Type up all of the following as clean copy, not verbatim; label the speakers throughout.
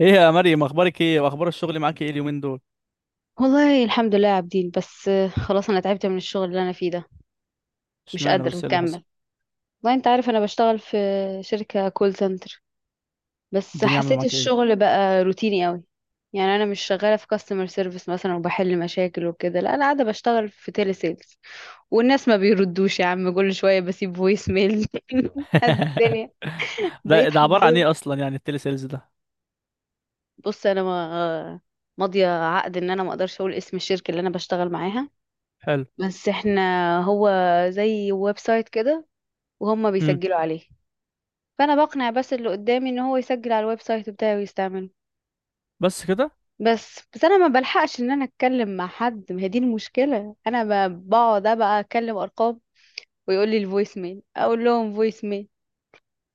Speaker 1: ايه يا مريم؟ اخبارك ايه واخبار الشغل معاك ايه اليومين دول؟
Speaker 2: والله الحمد لله يا عابدين. بس خلاص انا تعبت من الشغل اللي انا فيه ده. مش
Speaker 1: اشمعنى؟
Speaker 2: قادره
Speaker 1: بس ايه اللي حصل؟
Speaker 2: اكمل. والله انت عارف، انا بشتغل في شركه كول سنتر. بس
Speaker 1: الدنيا عامله
Speaker 2: حسيت
Speaker 1: معاك ايه؟
Speaker 2: الشغل بقى روتيني قوي. يعني انا مش شغاله في كاستمر سيرفيس مثلا وبحل مشاكل وكده، لا انا قاعده بشتغل في تيلي سيلز. والناس ما بيردوش يا عم، كل شويه بسيب فويس ميل قد الدنيا.
Speaker 1: ده
Speaker 2: بقيت
Speaker 1: ده عباره عن
Speaker 2: حافظاه.
Speaker 1: ايه اصلا؟ يعني التلي سيلز ده.
Speaker 2: بص، انا ما ماضيه عقد ان انا ما اقدرش اقول اسم الشركه اللي انا بشتغل معاها.
Speaker 1: حلو.
Speaker 2: بس احنا، هو زي ويب سايت كده، وهم
Speaker 1: امم
Speaker 2: بيسجلوا عليه. فانا بقنع بس اللي قدامي ان هو يسجل على الويب سايت بتاعي ويستعمله.
Speaker 1: بس كده؟
Speaker 2: بس انا ما بلحقش ان انا اتكلم مع حد، ما هي دي المشكله. انا بقعد بقى اكلم ارقام ويقول لي الفويس ميل، اقول لهم فويس ميل.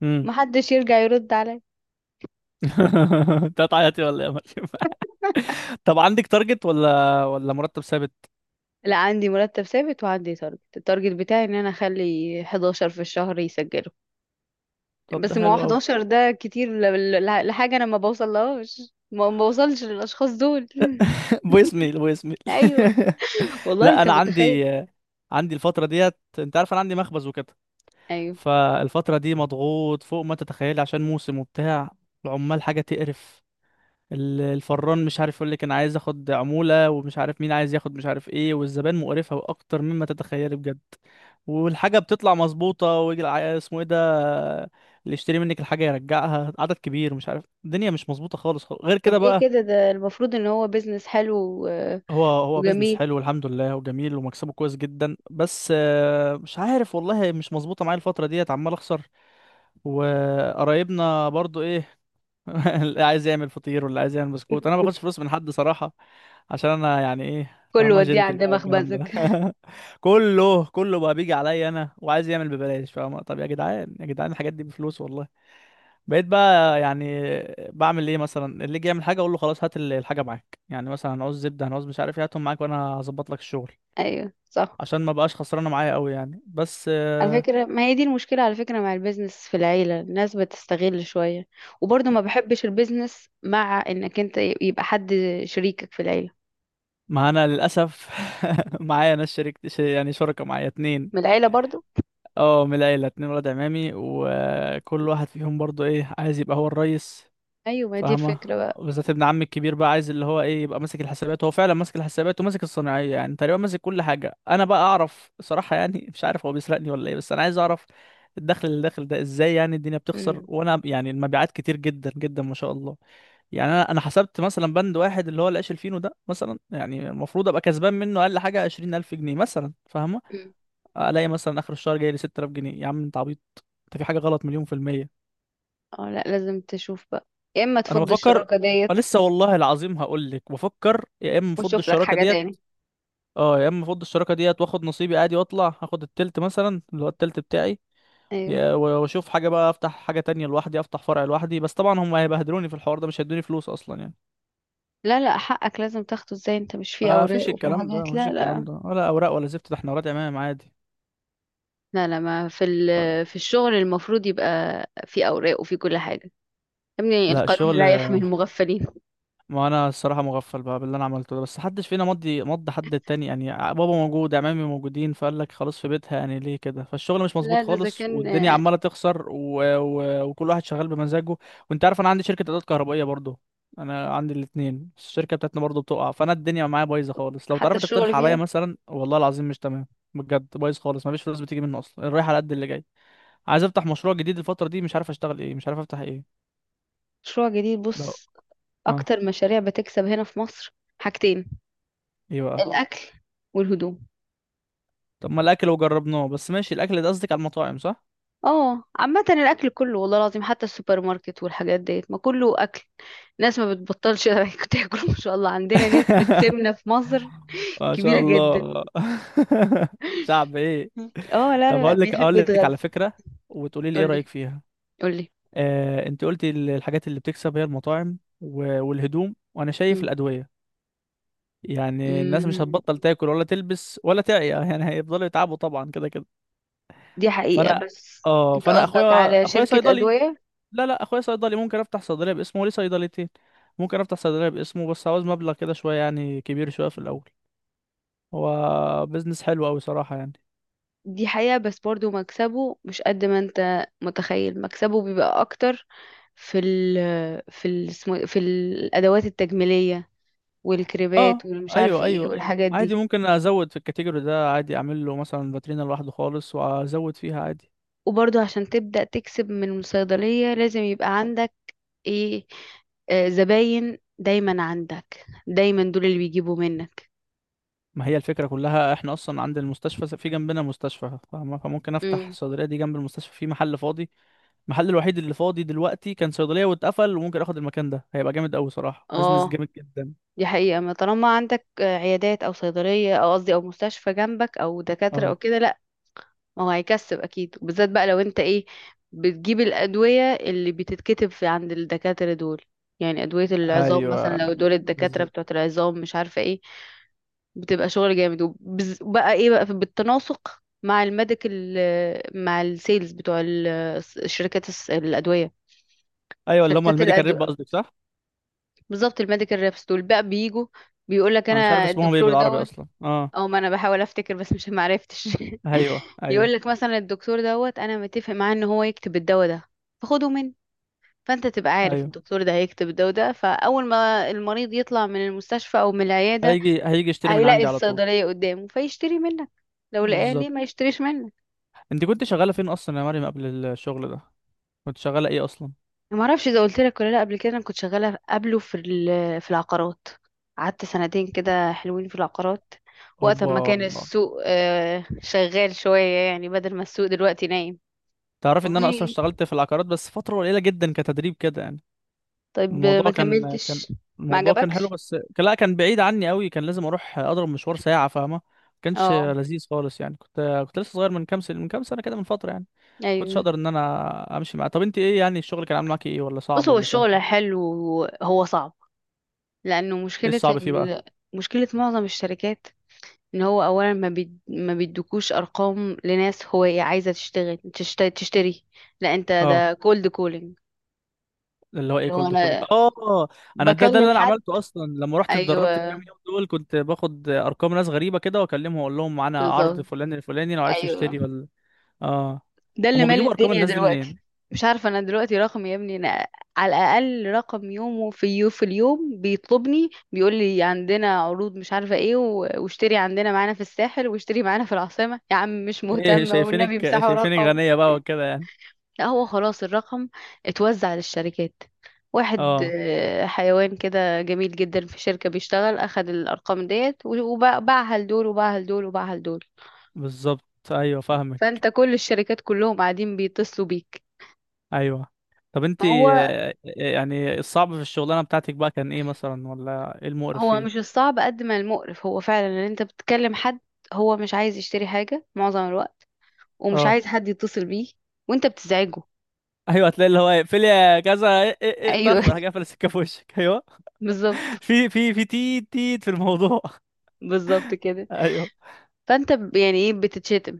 Speaker 1: امم
Speaker 2: ما حدش يرجع يرد عليا.
Speaker 1: انت هتعيطي ولا ايه يا مريم؟ طب عندك تارجت ولا مرتب ثابت؟
Speaker 2: لا، عندي مرتب ثابت وعندي تارجت. التارجت بتاعي ان انا اخلي 11 في الشهر يسجلوا.
Speaker 1: طب ده
Speaker 2: بس ما هو
Speaker 1: حلو قوي.
Speaker 2: 11 ده كتير لحاجه انا ما بوصلهاش. ما بوصلش للاشخاص دول
Speaker 1: فويس ميل فويس ميل.
Speaker 2: ايوه، والله
Speaker 1: لا
Speaker 2: انت
Speaker 1: انا
Speaker 2: متخيل.
Speaker 1: عندي، عندي الفتره ديت، انت عارف انا عندي مخبز وكده.
Speaker 2: ايوه.
Speaker 1: فالفتره دي مضغوط فوق ما تتخيلي، عشان موسم وبتاع. العمال حاجه تقرف. الفران مش عارف، يقول لك انا عايز اخد عمولة، ومش عارف مين عايز ياخد، مش عارف ايه. والزبائن مقرفة واكتر مما تتخيلي بجد. والحاجة بتطلع مظبوطة، ويجي اسمه ايه ده، اللي يشتري منك الحاجة يرجعها عدد كبير. مش عارف، الدنيا مش مظبوطة خالص خالص غير كده
Speaker 2: طب ليه
Speaker 1: بقى.
Speaker 2: كده؟ ده المفروض ان هو بيزنس حلو و-
Speaker 1: هو بيزنس
Speaker 2: وجميل.
Speaker 1: حلو الحمد لله، وجميل ومكسبه كويس جدا، بس مش عارف والله، مش مظبوطة معايا الفترة ديت، عمال اخسر. وقرايبنا برضو ايه؟ اللي عايز يعمل فطير واللي عايز يعمل بسكوت، انا ما باخدش فلوس من حد صراحه، عشان انا يعني ايه،
Speaker 2: كله
Speaker 1: فاهمها
Speaker 2: وديه
Speaker 1: جنتل
Speaker 2: عند
Speaker 1: بقى والكلام
Speaker 2: مخبزك
Speaker 1: ده. كله كله بقى بيجي عليا انا وعايز يعمل ببلاش. فاهم؟ طب يا جدعان يا جدعان الحاجات دي بفلوس والله. بقيت بقى يعني بعمل ايه؟ مثلا اللي يجي يعمل حاجه، اقول له خلاص هات الحاجه معاك، يعني مثلا هنعوز زبده، هنعوز مش عارف ايه، هاتهم معاك وانا هظبط لك الشغل،
Speaker 2: ايوه، صح.
Speaker 1: عشان ما بقاش خسرانه معايا قوي يعني، بس
Speaker 2: على فكرة، ما هي دي المشكلة على فكرة مع البيزنس في العيلة، الناس بتستغل شوية. وبرضه ما بحبش البيزنس مع انك انت يبقى حد شريكك في العيلة.
Speaker 1: ما انا للاسف معايا ناس، شريك يعني شركه، معايا اتنين،
Speaker 2: من العيلة برضه.
Speaker 1: اه من العيلة اتنين ولاد عمامي، وكل واحد فيهم برضو ايه، عايز يبقى هو الريس.
Speaker 2: ايوه، ما هي دي
Speaker 1: فاهمة؟
Speaker 2: الفكرة بقى.
Speaker 1: بالذات ابن عمي الكبير بقى عايز اللي هو ايه، يبقى ماسك الحسابات. هو فعلا ماسك الحسابات وماسك الصناعية، يعني تقريبا ماسك كل حاجة. انا بقى اعرف صراحة يعني، مش عارف هو بيسرقني ولا ايه، بس انا عايز اعرف الدخل اللي داخل ده ازاي. يعني الدنيا بتخسر،
Speaker 2: أمم.
Speaker 1: وانا يعني المبيعات كتير جدا جدا ما شاء الله. يعني انا حسبت مثلا بند واحد اللي هو العيش الفينو ده مثلا، يعني المفروض ابقى كسبان منه اقل حاجة 20000 جنيه مثلا، فاهمة؟
Speaker 2: أمم.
Speaker 1: الاقي مثلا اخر الشهر جاي لي 6000 جنيه. يا عم انت عبيط، انت في حاجه غلط مليون في الميه.
Speaker 2: اه، لا لازم تشوف بقى. يا اما
Speaker 1: انا
Speaker 2: تفض
Speaker 1: بفكر،
Speaker 2: الشراكة ديت
Speaker 1: لسه والله العظيم، هقول لك بفكر، يا اما افض
Speaker 2: وتشوف لك
Speaker 1: الشراكه
Speaker 2: حاجة
Speaker 1: ديت.
Speaker 2: تاني.
Speaker 1: اه يا اما افض الشراكه ديت واخد نصيبي عادي واطلع، هاخد التلت مثلا اللي هو التلت بتاعي.
Speaker 2: ايوه.
Speaker 1: واشوف حاجه بقى، افتح حاجه تانية لوحدي، افتح فرع لوحدي. بس طبعا هم هيبهدلوني في الحوار ده، مش هيدوني فلوس اصلا يعني.
Speaker 2: لا لا، حقك لازم تاخده. ازاي انت مش فيه
Speaker 1: ما فيش
Speaker 2: اوراق وفي
Speaker 1: الكلام ده،
Speaker 2: حاجات؟
Speaker 1: ما فيش
Speaker 2: لا
Speaker 1: الكلام
Speaker 2: لا.
Speaker 1: ده، ولا اوراق ولا زفت. ده احنا ورقة عمام عادي.
Speaker 2: لا لا، ما في في الشغل المفروض يبقى في اوراق وفي كل حاجه. يا ابني
Speaker 1: لا
Speaker 2: القانون
Speaker 1: الشغل،
Speaker 2: لا يحمي المغفلين.
Speaker 1: ما انا الصراحه مغفل بقى باللي انا عملته ده، بس محدش فينا مضى حد التاني يعني. بابا موجود، عمامي موجودين، فقال لك خلاص في بيتها يعني، ليه كده؟ فالشغل مش مظبوط
Speaker 2: لا ده اذا
Speaker 1: خالص،
Speaker 2: كان
Speaker 1: والدنيا عماله تخسر، وكل واحد شغال بمزاجه. وانت عارف انا عندي شركه ادوات كهربائيه برضو. انا عندي الاتنين، بس الشركه بتاعتنا برضو بتقع، فانا الدنيا معايا بايظه خالص. لو
Speaker 2: حتى
Speaker 1: تعرف
Speaker 2: الشغل
Speaker 1: تقترح عليا
Speaker 2: فيها.
Speaker 1: مثلا، والله العظيم مش تمام. بجد بايظ خالص، مفيش فلوس بتيجي منه اصلا، الرايح على قد اللي جاي. عايز افتح مشروع جديد الفتره دي، مش عارف اشتغل ايه، مش عارف افتح ايه.
Speaker 2: مشروع جديد؟
Speaker 1: لا.
Speaker 2: بص،
Speaker 1: اه.
Speaker 2: اكتر مشاريع بتكسب هنا في مصر حاجتين:
Speaker 1: ايه بقى؟
Speaker 2: الاكل والهدوم.
Speaker 1: طب ما الاكل وجربناه، بس ماشي. الاكل ده قصدك على المطاعم صح؟
Speaker 2: اه، عامه الاكل كله والله العظيم، حتى السوبر ماركت والحاجات ديت، ما كله اكل. الناس ما بتبطلش تاكل. ما شاء الله عندنا نسبه سمنه في مصر
Speaker 1: ما شاء
Speaker 2: كبيره جدا.
Speaker 1: الله. شعب ايه؟
Speaker 2: اه، لا لا
Speaker 1: طب
Speaker 2: لا،
Speaker 1: هقول لك،
Speaker 2: بيحب
Speaker 1: اقول لك على
Speaker 2: يتغذى.
Speaker 1: فكره، وتقولي لي ايه
Speaker 2: قولي،
Speaker 1: رايك فيها.
Speaker 2: قولي.
Speaker 1: انت قلتي الحاجات اللي بتكسب هي المطاعم والهدوم، وانا شايف الادويه. يعني الناس مش
Speaker 2: مم.
Speaker 1: هتبطل تاكل ولا تلبس ولا تعيا، يعني هيفضلوا يتعبوا طبعا كده كده.
Speaker 2: دي حقيقة.
Speaker 1: فانا
Speaker 2: بس
Speaker 1: اه،
Speaker 2: انت
Speaker 1: فانا
Speaker 2: قصدك على
Speaker 1: اخويا
Speaker 2: شركة
Speaker 1: صيدلي.
Speaker 2: أدوية؟
Speaker 1: لا لا، اخويا صيدلي، ممكن افتح صيدليه باسمه وليه صيدليتين. ممكن افتح صيدليه باسمه، بس عاوز مبلغ كده شويه يعني، كبير شويه في الاول. هو بيزنس حلو قوي صراحه يعني.
Speaker 2: دي حقيقة. بس برضو مكسبه مش قد ما انت متخيل، مكسبه بيبقى أكتر في ال في ال اسمه- إيه، في الأدوات التجميلية
Speaker 1: اه،
Speaker 2: والكريبات والمش
Speaker 1: ايوه
Speaker 2: عارفة ايه
Speaker 1: ايوه ايوه،
Speaker 2: والحاجات
Speaker 1: عادي
Speaker 2: دي.
Speaker 1: ممكن ازود في الكاتيجوري ده عادي، اعمل له مثلا فاترينا لوحده خالص وازود فيها عادي.
Speaker 2: وبرضو عشان تبدأ تكسب من الصيدلية لازم يبقى عندك ايه آه، زباين دايما، عندك دايما دول اللي بيجيبوا منك.
Speaker 1: ما هي الفكره كلها، احنا اصلا عند المستشفى، في جنبنا مستشفى، فاهمة؟ فممكن افتح
Speaker 2: مم.
Speaker 1: الصيدليه دي جنب المستشفى في محل فاضي. المحل الوحيد اللي فاضي دلوقتي كان صيدليه واتقفل، وممكن اخد المكان ده. هيبقى جامد قوي صراحه، بيزنس
Speaker 2: اه،
Speaker 1: جامد جدا.
Speaker 2: دي حقيقة. ما طالما عندك عيادات أو صيدلية، أو قصدي أو مستشفى جنبك، أو دكاترة أو
Speaker 1: اه.
Speaker 2: كده، لأ ما هو هيكسب أكيد. وبالذات بقى لو أنت إيه، بتجيب الأدوية اللي بتتكتب في عند الدكاترة دول. يعني أدوية العظام مثلا،
Speaker 1: ايوه
Speaker 2: لو دول الدكاترة
Speaker 1: بالظبط.
Speaker 2: بتوعة العظام مش عارفة إيه، بتبقى شغل جامد. وبقى إيه بقى، بالتناسق مع الميديكال، مع السيلز بتوع شركات الأدوية.
Speaker 1: ايوه اللي هم
Speaker 2: شركات
Speaker 1: الميديكال ريب
Speaker 2: الأدوية.
Speaker 1: قصدك صح؟
Speaker 2: بالظبط، الميديكال ريبس دول بقى بيجوا بيقول لك
Speaker 1: انا مش عارف
Speaker 2: انا
Speaker 1: اسمهم ايه
Speaker 2: الدكتور
Speaker 1: بالعربي
Speaker 2: دوت.
Speaker 1: اصلا، اه.
Speaker 2: او ما انا بحاول افتكر بس مش معرفتش
Speaker 1: ايوه ايوه
Speaker 2: يقول لك مثلا الدكتور دوت، انا متفق معاه ان هو يكتب الدواء ده فخده مني. فانت تبقى عارف
Speaker 1: ايوه.
Speaker 2: الدكتور ده هيكتب الدواء ده، فاول ما المريض يطلع من المستشفى او من العياده
Speaker 1: هيجي هيجي يشتري من
Speaker 2: هيلاقي
Speaker 1: عندي على طول.
Speaker 2: الصيدليه قدامه فيشتري منك. لو لقاه ليه
Speaker 1: بالظبط.
Speaker 2: ما يشتريش منك؟
Speaker 1: انت كنت شغاله فين اصلا يا مريم قبل الشغل ده؟ كنت شغاله ايه اصلا؟
Speaker 2: ما اعرفش اذا قلت لك ولا لا، قبل كده انا كنت شغاله قبله في العقارات. قعدت سنتين كده حلوين في العقارات، وقت ما
Speaker 1: هوبا.
Speaker 2: كان السوق شغال شويه، يعني بدل ما السوق دلوقتي نايم.
Speaker 1: تعرفي ان انا اصلا
Speaker 2: والله؟
Speaker 1: اشتغلت في العقارات، بس فتره قليله جدا كتدريب كده يعني.
Speaker 2: طيب ما
Speaker 1: الموضوع كان،
Speaker 2: كملتش؟ ما
Speaker 1: الموضوع كان حلو،
Speaker 2: عجبكش.
Speaker 1: بس كان، لا كان بعيد عني قوي، كان لازم اروح اضرب مشوار ساعة، فاهمة؟ ما كانش
Speaker 2: اه،
Speaker 1: لذيذ خالص يعني، كنت لسه صغير، من كام سنة كده، من فترة يعني. كنتش
Speaker 2: ايوه.
Speaker 1: اقدر ان انا امشي معاه. طب انت ايه، يعني الشغل كان عامل معاكي ايه، ولا صعب
Speaker 2: بص، هو
Speaker 1: ولا سهل؟
Speaker 2: الشغل حلو. هو صعب لانه
Speaker 1: ايه الصعب فيه بقى؟
Speaker 2: مشكله معظم الشركات ان هو اولا ما بيدوكوش ارقام لناس هو إيه عايزه تشتغل تشتري. لا، انت
Speaker 1: اه.
Speaker 2: ده كولد كولينج.
Speaker 1: اللي هو ايه
Speaker 2: اللي هو
Speaker 1: كولد كولينج،
Speaker 2: انا
Speaker 1: اه. انا ده
Speaker 2: بكلم
Speaker 1: اللي انا
Speaker 2: حد.
Speaker 1: عملته اصلا لما رحت اتدربت
Speaker 2: ايوه،
Speaker 1: الكام يوم دول. كنت باخد ارقام ناس غريبه كده واكلمهم واقول لهم معانا عرض
Speaker 2: بالظبط.
Speaker 1: فلان الفلاني لو عايز
Speaker 2: ايوه،
Speaker 1: تشتري ولا. اه.
Speaker 2: ده اللي
Speaker 1: هما
Speaker 2: مالي
Speaker 1: بيجيبوا ارقام
Speaker 2: الدنيا
Speaker 1: الناس دي
Speaker 2: دلوقتي.
Speaker 1: منين؟
Speaker 2: مش عارفة أنا دلوقتي رقم يا ابني، أنا على الأقل رقم يومه في اليوم بيطلبني بيقول لي عندنا عروض مش عارفة إيه، واشتري عندنا معانا في الساحل، واشتري معانا في العاصمة. يا عم مش
Speaker 1: ايه
Speaker 2: مهتمة،
Speaker 1: شايفينك،
Speaker 2: والنبي امسحوا
Speaker 1: شايفينك
Speaker 2: رقم.
Speaker 1: غنية بقى وكده يعني.
Speaker 2: لا هو خلاص الرقم اتوزع للشركات. واحد
Speaker 1: اه
Speaker 2: حيوان كده جميل جدا في شركة بيشتغل أخد الأرقام ديت وباعها لدول وباعها لدول وباعها لدول.
Speaker 1: بالظبط. ايوه فاهمك.
Speaker 2: فأنت كل الشركات كلهم قاعدين بيتصلوا بيك.
Speaker 1: ايوه. طب انت
Speaker 2: هو
Speaker 1: يعني الصعب في الشغلانة بتاعتك بقى كان ايه مثلا، ولا ايه المقرف
Speaker 2: هو
Speaker 1: فيه؟
Speaker 2: مش الصعب قد ما المقرف، هو فعلا ان انت بتكلم حد هو مش عايز يشتري حاجة معظم الوقت ومش
Speaker 1: اه.
Speaker 2: عايز حد يتصل بيه وانت بتزعجه.
Speaker 1: ايوه، هتلاقي اللي هو اقفل، يا كذا، إيه إيه إيه،
Speaker 2: ايوه
Speaker 1: طخ راح جاي قافل السكة في وشك، ايوه.
Speaker 2: بالظبط.
Speaker 1: في تيت تيت في الموضوع.
Speaker 2: بالظبط كده.
Speaker 1: ايوه
Speaker 2: فانت يعني ايه، بتتشتم.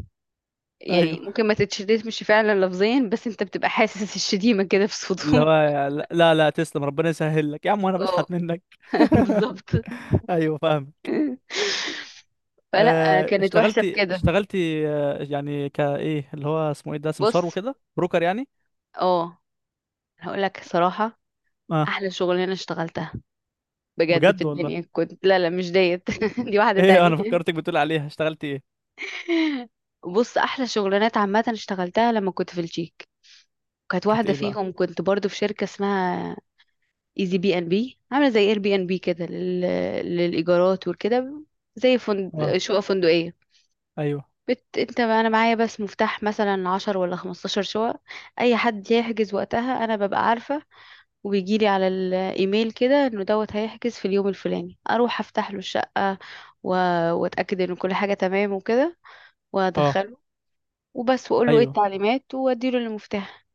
Speaker 2: يعني
Speaker 1: ايوه
Speaker 2: ممكن ما تتشتمش فعلا لفظيا، بس انت بتبقى حاسس الشتيمة كده في
Speaker 1: اللي هو،
Speaker 2: صوته.
Speaker 1: لا لا لا، تسلم ربنا يسهل لك يا عم، وانا
Speaker 2: اه
Speaker 1: بشحت منك.
Speaker 2: بالظبط.
Speaker 1: ايوه فاهمك.
Speaker 2: فلا كانت وحشة في
Speaker 1: اشتغلتي
Speaker 2: كده.
Speaker 1: يعني كايه اللي هو اسمه ايه ده،
Speaker 2: بص،
Speaker 1: سمسار وكده، بروكر يعني.
Speaker 2: اه هقول لك صراحة
Speaker 1: اه
Speaker 2: احلى شغلانة اشتغلتها بجد في
Speaker 1: بجد والله.
Speaker 2: الدنيا، كنت لا لا مش ديت دي واحدة
Speaker 1: ايه،
Speaker 2: تانية.
Speaker 1: انا فكرتك بتقول عليها اشتغلتي ايه.
Speaker 2: بص، احلى شغلانات عامه اشتغلتها لما كنت في الجيك. كانت
Speaker 1: كانت
Speaker 2: واحده
Speaker 1: ايه بقى؟
Speaker 2: فيهم كنت برضو في شركه اسمها ايزي بي ان بي، عامله زي اير بي ان بي كده للايجارات وكده، زي
Speaker 1: اه.
Speaker 2: شقق فندقيه.
Speaker 1: ايوه.
Speaker 2: انت انا معايا بس مفتاح مثلا 10 ولا 15 شقق. اي حد يحجز وقتها انا ببقى عارفه، وبيجيلي على الايميل كده انه دوت هيحجز في اليوم الفلاني. اروح افتح له الشقه و... واتاكد ان كل حاجه تمام وكده
Speaker 1: اه.
Speaker 2: وادخله وبس، واقول له ايه
Speaker 1: ايوه.
Speaker 2: التعليمات واديله المفتاح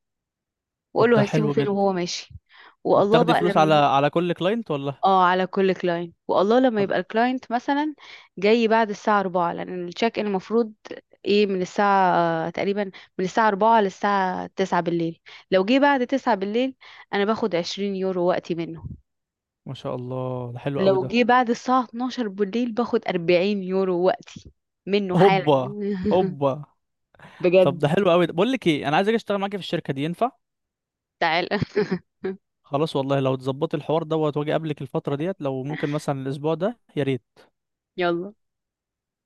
Speaker 2: واقول
Speaker 1: طب
Speaker 2: له
Speaker 1: ده
Speaker 2: هيسيبه
Speaker 1: حلو
Speaker 2: فين
Speaker 1: جدا.
Speaker 2: وهو ماشي. والله
Speaker 1: وبتاخدي
Speaker 2: بقى
Speaker 1: فلوس على
Speaker 2: لما.
Speaker 1: كل كلاينت ولا؟
Speaker 2: اه، على كل كلاينت. والله لما
Speaker 1: طب
Speaker 2: يبقى الكلاينت مثلا جاي بعد الساعة 4 لأن التشيك ان المفروض ايه من الساعة آه، تقريبا من الساعة 4 للساعة 9 بالليل. لو جه بعد 9 بالليل انا باخد 20 يورو وقتي منه.
Speaker 1: ما شاء الله ده حلو قوي
Speaker 2: لو
Speaker 1: ده.
Speaker 2: جه بعد الساعة 12 بالليل باخد 40 يورو وقتي منه حالا
Speaker 1: هوبا. هوبا. طب
Speaker 2: بجد.
Speaker 1: ده حلو قوي ده. بقول لك ايه، انا عايز اجي اشتغل معاكي في الشركه دي، ينفع؟
Speaker 2: تعال
Speaker 1: خلاص والله، لو تظبطي الحوار دوت واجي قبلك الفتره ديت، لو ممكن مثلا الاسبوع ده يا ريت.
Speaker 2: يلا،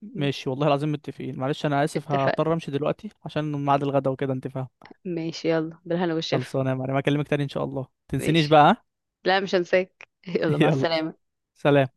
Speaker 1: ماشي والله العظيم متفقين، معلش انا اسف
Speaker 2: اتفقنا.
Speaker 1: هضطر امشي دلوقتي عشان ميعاد الغدا وكده، انت فاهم.
Speaker 2: ماشي، يلا بالهنا والشفا.
Speaker 1: خلصانه يا معلم، اكلمك تاني ان شاء الله، تنسينيش
Speaker 2: ماشي،
Speaker 1: بقى ها؟
Speaker 2: لا مش هنساك يلا، مع
Speaker 1: يلا،
Speaker 2: السلامة.
Speaker 1: سلام.